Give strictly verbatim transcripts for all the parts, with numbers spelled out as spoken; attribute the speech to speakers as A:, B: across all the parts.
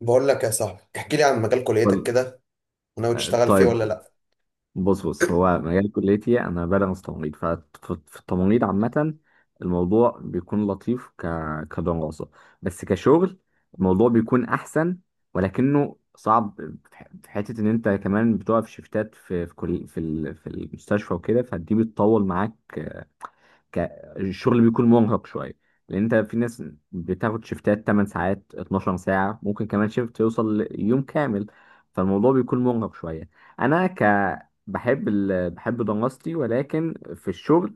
A: بقول لك يا صاحبي، احكي لي عن مجال كليتك
B: طيب
A: كده. وناوي تشتغل فيه ولا
B: طيب،
A: لا؟
B: بص بص هو مجال كليتي، انا بدرس تمريض. ففي التمريض عامة، الموضوع بيكون لطيف ك... كدراسة، بس كشغل الموضوع بيكون احسن، ولكنه صعب. في ح- في حتة ان انت كمان بتقف شيفتات في في كل... في ال... في المستشفى وكده، فدي بتطول معاك. ك... الشغل بيكون مرهق شويه، لان انت في ناس بتاخد شيفتات 8 ساعات اتناشر ساعة ساعه، ممكن كمان شيفت يوصل ليوم كامل. فالموضوع بيكون مرهق شويه. انا ك بحب ال... بحب دراستي، ولكن في الشغل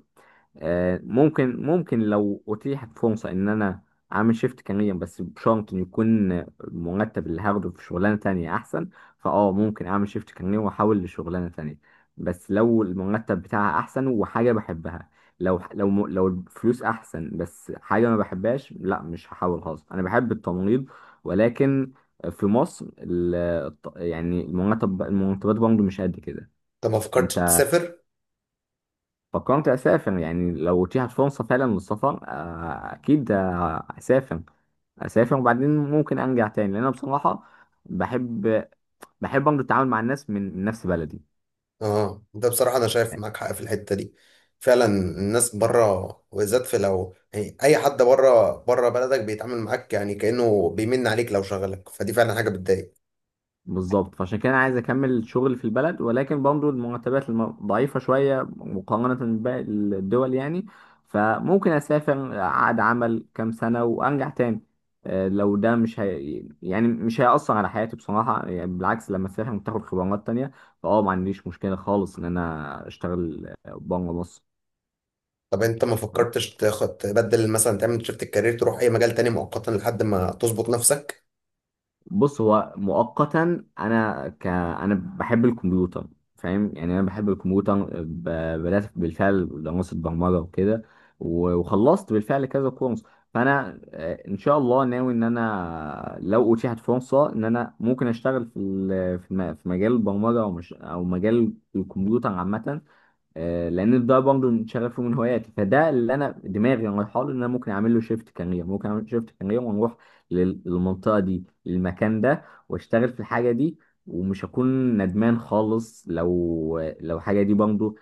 B: آه، ممكن ممكن لو اتيحت فرصه ان انا اعمل شيفت كارير، بس بشرط ان يكون المرتب اللي هاخده في شغلانه تانية احسن. فاه ممكن اعمل شيفت كارير واحاول لشغلانه تانية، بس لو المرتب بتاعها احسن وحاجه بحبها. لو لو م- لو الفلوس احسن بس حاجه ما بحبهاش، لا مش هحاول خالص، انا بحب التمريض. ولكن في مصر ال- الط- يعني المرتب المرتبات برضه مش قد كده.
A: انت ما فكرتش
B: انت
A: تسافر؟
B: فكرت اسافر يعني؟ لو اتيحت فرصه فعلا للسفر، آه، اكيد، آه، اسافر. اسافر وبعدين ممكن ارجع تاني، لان انا بصراحه بحب بحب برضه التعامل مع الناس من من نفس بلدي.
A: اه، ده بصراحه انا شايف معاك حق في الحته دي. فعلا الناس بره، وبالذات في لو يعني اي حد بره بره بلدك بيتعامل معاك، يعني كانه بيمن عليك لو شغلك، فدي فعلا حاجه بتضايق.
B: بالظبط، فعشان كده انا عايز اكمل شغلي في البلد، ولكن برضه المرتبات الم- ضعيفه شويه مقارنه بباقي الدول يعني. فممكن اسافر اقعد عمل كام سنه وارجع تاني. آه، لو ده مش هي... يعني مش هيأثر على حياتي بصراحه، يعني بالعكس لما اسافر بتاخد خبرات تانية. فاه ما عنديش مشكله خالص ان انا اشتغل بره مصر.
A: طب انت ما فكرتش تاخد تبدل، مثلا تعمل شيفت الكارير تروح اي مجال تاني مؤقتا لحد ما تظبط نفسك؟
B: بص، هو مؤقتا انا ك انا بحب الكمبيوتر. فاهم، يعني انا بحب الكمبيوتر، ب- بدات بالفعل دراسه برمجه وكده. و- وخلصت بالفعل كذا كورس. فانا آه، ان شاء الله ناوي ان انا لو اتيحت فرصه ان انا ممكن اشتغل في ال- في الم- في مجال البرمجه، او مش او مجال الكمبيوتر عامه. آه، لان ده برضه من شغفي ومن هواياتي. فده اللي انا دماغي رايحه له، ان انا ممكن اعمل له شيفت كارير، ممكن اعمل شيفت كارير ونروح لل- للمنطقه دي، للمكان ده، واشتغل في الحاجه دي. ومش هكون ندمان خالص لو لو الحاجه دي برضه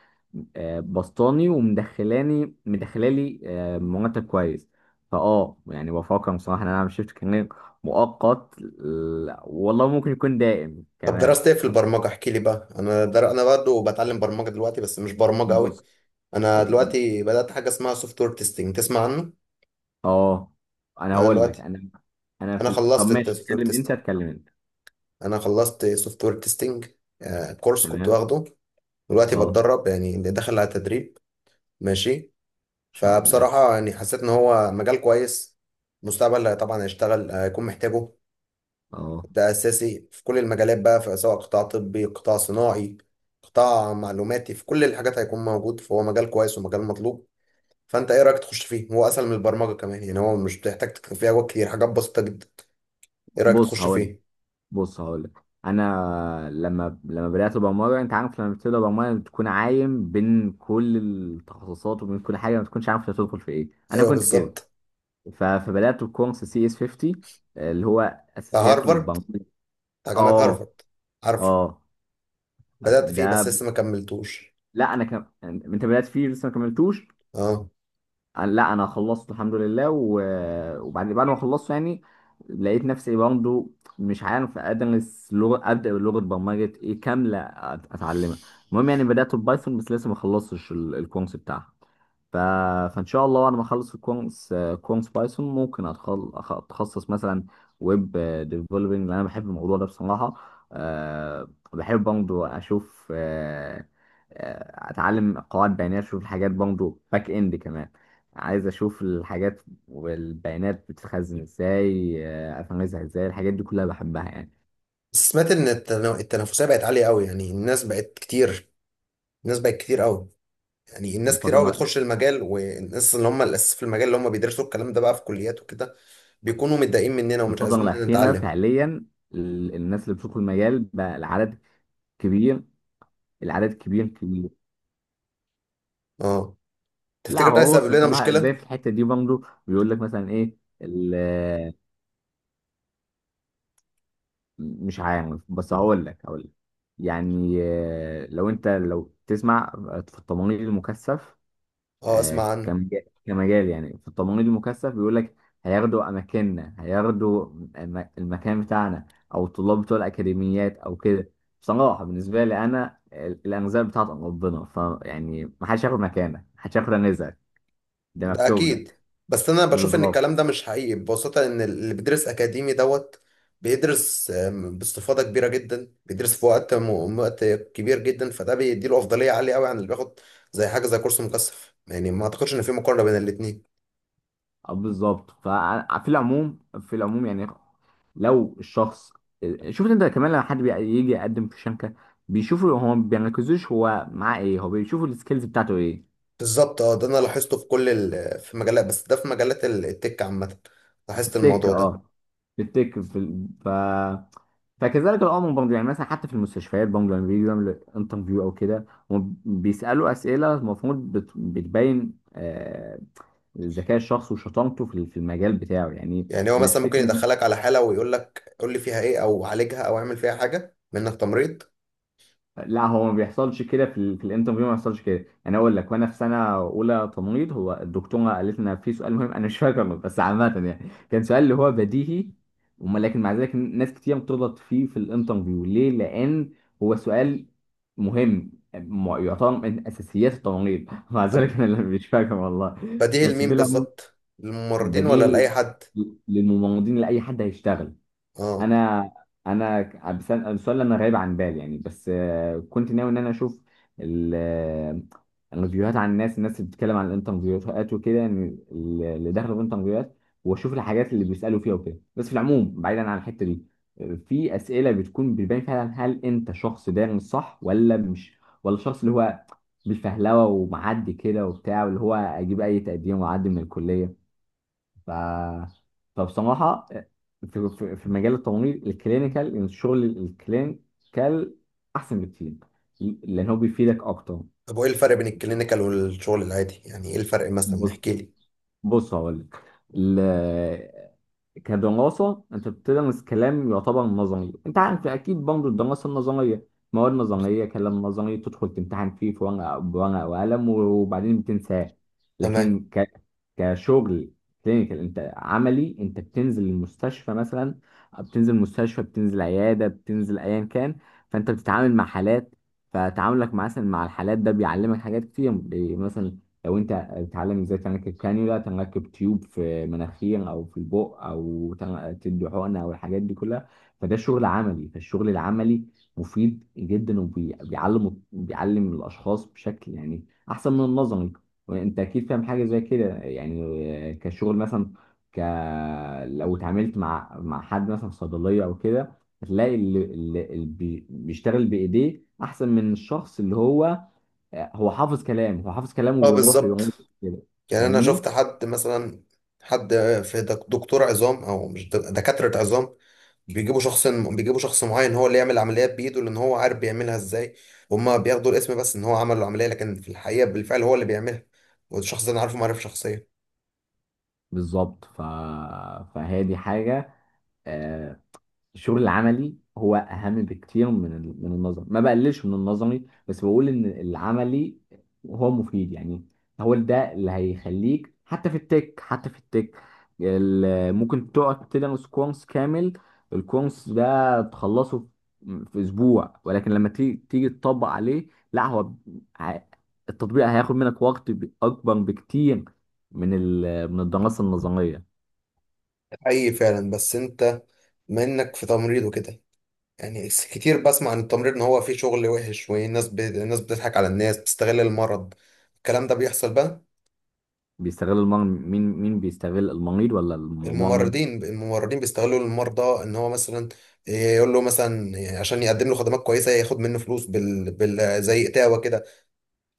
B: آه، بسطاني، ومدخلاني مدخلالي آه، مرتب كويس. فاه يعني بفكر بصراحه ان انا اعمل شيفت كارير مؤقت. لا، والله ممكن يكون دائم
A: طب
B: كمان.
A: درست ايه في البرمجة؟ احكي لي بقى. انا در... انا برضه بتعلم برمجة دلوقتي، بس مش برمجة قوي.
B: بص،
A: انا دلوقتي بدأت حاجة اسمها سوفت وير تيستنج، تسمع عنه؟
B: اه انا
A: انا
B: هقول لك.
A: دلوقتي
B: انا انا
A: انا
B: في ال- طب
A: خلصت
B: ماشي،
A: السوفت وير
B: اتكلم انت
A: تيستنج.
B: اتكلم انت.
A: انا خلصت سوفت وير تيستنج كورس كنت
B: تمام.
A: واخده. دلوقتي
B: اه، ان
A: بتدرب، يعني داخل على تدريب. ماشي.
B: شاء الله.
A: فبصراحة يعني حسيت ان هو مجال كويس، مستقبل طبعا هيشتغل، هيكون محتاجه.
B: اه،
A: ده اساسي في كل المجالات بقى، في سواء قطاع طبي، قطاع صناعي، قطاع معلوماتي. في كل الحاجات هيكون موجود، فهو مجال كويس ومجال مطلوب. فانت ايه رايك تخش فيه؟ هو اسهل من البرمجه كمان يعني، هو مش بتحتاج تكتب فيه حاجات كتير، حاجات بسيطه جدا. ايه رايك
B: بص
A: تخش
B: هقول لك.
A: فيه؟
B: بص هقول لك انا لما لما بدات البرمجه. انت عارف، لما بتبدا برمجه بتكون عايم بين كل التخصصات وبين كل حاجه، ما تكونش عارف انت هتدخل في ايه. انا
A: ايوه
B: كنت كده.
A: بالظبط.
B: ف- فبدات بكورس سي اس خمسين، اللي هو
A: بتاع
B: اساسيات
A: هارفارد.
B: البرمجه.
A: بتاع جامعه
B: اه،
A: هارفارد. عارفه.
B: اه،
A: بدات فيه بس
B: ده.
A: لسه ما كملتوش.
B: لا، انا كم... انت بدات فيه لسه ما كملتوش.
A: اه.
B: أنا- لا، انا خلصت الحمد لله. و- وبعد بعد ما خلصت يعني، لقيت نفسي برضه مش عارف، ادرس لغه ابدا بلغه برمجه ايه كامله أت- اتعلمها. المهم، يعني بدات ببايثون بس لسه ما خلصتش ال- الكورس بتاعها. ف... فان شاء الله وانا ما اخلص الكورس، كورس بايثون، ممكن أتخل... أخ- اتخصص مثلا ويب ديفلوبينج، لان انا بحب الموضوع ده بصراحه. أه... بحب برضو اشوف أه... آه، اتعلم قواعد بيانات، اشوف الحاجات برضو، باك اند كمان. عايز اشوف الحاجات والبيانات بتتخزن ازاي، آه، افهمها ازاي. الحاجات دي كلها بحبها يعني.
A: بس سمعت ان التنا- التنافسيه بقت عاليه قوي، يعني الناس بقت كتير. الناس بقت كتير قوي. يعني
B: في
A: الناس كتير قوي
B: الفتره
A: بتخش المجال، والناس اللي هم الاساس في المجال اللي هم بيدرسوا الكلام ده بقى في كليات وكده بيكونوا متضايقين مننا
B: في
A: ومش
B: الفتره
A: عايزين
B: الاخيره
A: نتعلم.
B: فعليا ال- الناس اللي بتدخل المجال بقى، العدد كبير. العدد كبير كبير.
A: اه،
B: لا،
A: تفتكر ده
B: هو
A: هيسبب
B: بص،
A: لنا
B: بصراحة زي
A: مشكلة؟
B: في الحتة دي برضه. بيقول لك مثلا ايه ال- آه، مش عارف، بس هقول لك. هقول لك يعني آه، لو انت، لو تسمع في التمريض المكثف،
A: اه، اسمع
B: آه،
A: عنه.
B: كمجال، كمجال يعني في التمريض المكثف بيقول لك هياخدوا اماكننا، هياخدوا الم- المكان بتاعنا، او الطلاب بتوع الاكاديميات او كده. بصراحة، بالنسبة لي انا ال- الانزال بتاعت ربنا. فيعني ما حدش ياخد مكانك، ما حدش ياخد رزقك، ده
A: ده
B: مكتوب
A: اكيد.
B: لك.
A: بس انا بشوف ان
B: بالظبط،
A: الكلام ده مش حقيقي ببساطة، ان اللي بيدرس اكاديمي دوت بيدرس آم، باستفاضة كبيرة جدا، بيدرس في وقت م- وقت كبير جدا، فده بيديله افضلية عالية قوي عن اللي بياخد زي حاجة زي كورس مكثف. يعني ما اعتقدش ان في مقارنة بين الاتنين.
B: آه، بالظبط. ففي العموم في العموم يعني لو الشخص، شفت انت كمان لما حد بي- يجي يقدم في شنكه، بيشوفوا، هو ما بيركزوش هو معاه ايه، هو بيشوفوا السكيلز بتاعته ايه.
A: بالظبط. اه، ده انا لاحظته في كل ال... في مجالات، بس ده في مجالات ال- التك عامة.
B: في
A: لاحظت
B: التك،
A: الموضوع ده.
B: اه. في التك، في ال... ف... فكذلك الامر برضه يعني. مثلا حتى في المستشفيات برضه، لما بيجوا يعملوا انترفيو او كده، هم بيسالوا اسئله المفروض بت... بتبين آه، ذكاء الشخص وشطارته في ال- في المجال بتاعه يعني.
A: يعني هو
B: انا
A: مثلا ممكن
B: افتكر،
A: يدخلك على حالة ويقول لك قول لي فيها ايه، او عالجها، او اعمل فيها حاجة منك تمريض.
B: لا هو ما بيحصلش كده في, ال... في الانترفيو ما بيحصلش كده. انا اقول لك، وانا في سنه اولى تمريض، هو الدكتوره قالت لنا في سؤال مهم، انا مش فاكره بس عامه يعني، كان سؤال اللي هو بديهي، وما لكن مع ذلك ناس كتير بتغلط فيه في الانترفيو. ليه؟ لان هو سؤال مهم، م- يعتبر من اساسيات التمريض مع
A: طب
B: ذلك انا اللي مش فاكر والله.
A: بديه
B: بس في
A: لمين
B: العموم،
A: بالظبط، للممرضين ولا
B: بديهي
A: لأي حد؟
B: للممرضين، لاي حد هيشتغل.
A: اه.
B: انا انا بسأل السؤال، انا غايب عن بالي يعني، بس آه، كنت ناوي ان انا اشوف ال- آه، الفيديوهات عن الناس، الناس اللي بتتكلم عن الانترفيوهات وكده يعني، اللي داخله في الانترفيوهات، واشوف الحاجات اللي بيسالوا فيها وكده. بس في العموم، بعيدا عن الحته دي، آه، في اسئله بتكون بتبين فعلا هل انت شخص دارس صح، ولا مش، ولا الشخص اللي هو بالفهلوه ومعدي كده وبتاع، واللي هو اجيب اي تقدير واعدي من الكليه. ف... فبصراحة في, في في مجال التمريض الكلينيكال، الشغل الكلينيكال أحسن بكتير، لأن هو بيفيدك أكتر.
A: طب وايه الفرق بين الكلينيكال والشغل العادي؟ يعني ايه الفرق مثلا،
B: بص،
A: نحكي لي.
B: بص هقول لك، كدراسة أنت بتدرس كلام يعتبر نظري. أنت عارف أكيد برضه، الدراسة النظرية مواد نظرية، كلام نظري، تدخل تمتحن فيه في ورقة بورقة وقلم وبعدين بتنساه.
A: تمام.
B: لكن ك... كشغل كلينيكال، أنت عملي، أنت بتنزل المستشفى مثلا، بتنزل مستشفى، بتنزل عيادة، بتنزل أيا كان. فأنت بتتعامل مع حالات. فتعاملك مثلا مع الحالات ده بيعلمك حاجات كتير، بي- مثلا لو أنت تتعلم ازاي تنكب كانيولا، تنكب تيوب في مناخير او في البق، او تن- تدي حقنه، او الحاجات دي كلها. فده شغل عملي. فالشغل العملي مفيد جدا وبيعلم، بيعلم الاشخاص بشكل يعني احسن من النظري. وانت اكيد فاهم حاجه زي كده يعني. كشغل مثلا، ك لو اتعاملت مع مع حد مثلا في صيدليه او كده، هتلاقي اللي, اللي اللي بي- بيشتغل بايديه احسن من الشخص اللي هو، هو حافظ كلام. هو حافظ كلام
A: اه،
B: وبيروح
A: بالظبط.
B: يقول كده،
A: يعني انا شفت
B: فاهمني.
A: حد مثلا، حد في دك- دكتور عظام، او مش دك- دكاترة عظام. بيجيبوا شخص بيجيبوا شخص معين هو اللي يعمل العمليات بايده، لان هو عارف بيعملها ازاي. هما بياخدوا الاسم بس ان هو عمل العمليه، لكن في الحقيقه بالفعل هو اللي بيعملها. والشخص ده انا عارفه معرفه شخصيه.
B: بالظبط. ف... فهي دي حاجة. آه، الشغل العملي هو اهم بكتير من ال- من النظري. ما بقللش من النظري، بس بقول ان العملي هو مفيد يعني. هو ده اللي هيخليك حتى في التك، حتى في التك. ال- ممكن تقعد تدرس كورس كامل، الكورس ده تخلصه في في اسبوع، ولكن لما تيجي، تيجي تطبق عليه، لا هو ب- ع- التطبيق هياخد منك وقت ب- اكبر بكتير من ال- من الدراسة النظرية.
A: اي فعلا. بس انت منك في تمريض وكده، يعني س- كتير بسمع عن التمريض ان هو فيه شغل وحش، والناس ب... الناس بتضحك على الناس، بتستغل المرض. الكلام ده بيحصل بقى؟
B: بيستغل المرض مين؟ مين بيستغل المريض ولا الممرض؟
A: الممرضين، الممرضين بيستغلوا المرضى، ان هو مثلا يقول له مثلا عشان يقدم له خدمات كويسه ياخد منه فلوس بال... بال... زي اتاوه كده.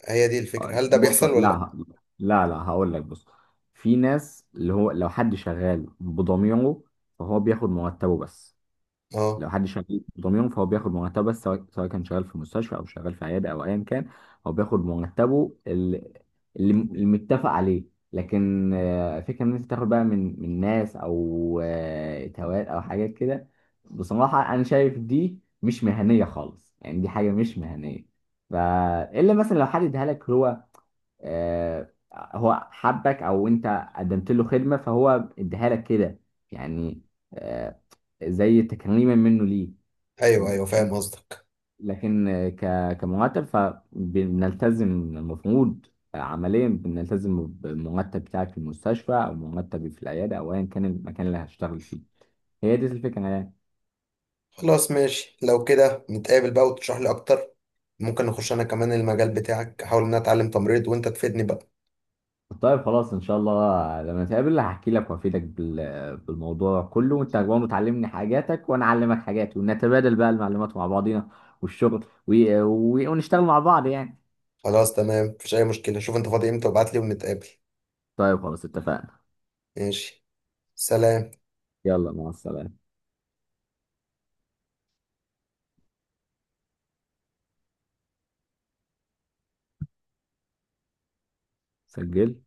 A: هي دي الفكرة، هل ده
B: بص،
A: بيحصل ولا لأ؟
B: لا لا لا، هقول لك. بص، في ناس اللي هو لو حد شغال بضميره فهو بياخد مرتبه بس.
A: اه.
B: لو حد شغال بضميره فهو بياخد مرتبه بس، سواء سواء كان شغال في مستشفى او شغال في عياده او ايا كان. هو بياخد مرتبه اللي اللي المتفق عليه. لكن آه، فكره ان انت تاخد بقى من من ناس، او آه، توات او حاجات كده، بصراحه انا شايف دي مش مهنيه خالص يعني، دي حاجه مش مهنيه. فالا مثلا لو حد اديها لك، هو آه، هو حبك، او انت قدمت له خدمه فهو اديها لك كده يعني، آه، زي تكريما منه ليه.
A: ايوه ايوه، فاهم قصدك.
B: لكن آه، ك- كمرتب فبنلتزم، المفروض آه، عمليا بنلتزم بالمرتب بتاعك في المستشفى، او مرتبي في العياده، او ايا كان المكان اللي هشتغل فيه. هي دي الفكره يعني.
A: خلاص ماشي، لو كده نتقابل بقى وتشرح لي اكتر. ممكن نخش انا كمان المجال بتاعك، احاول ان أنا اتعلم تمريض وانت تفيدني بقى.
B: طيب خلاص، ان شاء الله لما نتقابل هحكي لك وافيدك بال- بالموضوع كله، وانت برضه تعلمني حاجاتك وانا اعلمك حاجاتي ونتبادل بقى المعلومات مع بعضينا، والشغل و... و... ونشتغل مع بعض يعني.
A: خلاص تمام، مفيش اي مشكلة. شوف انت فاضي امتى وابعت لي ونتقابل.
B: طيب خلاص اتفقنا.
A: ماشي. سلام.
B: يلا مع السلامة. سجلت.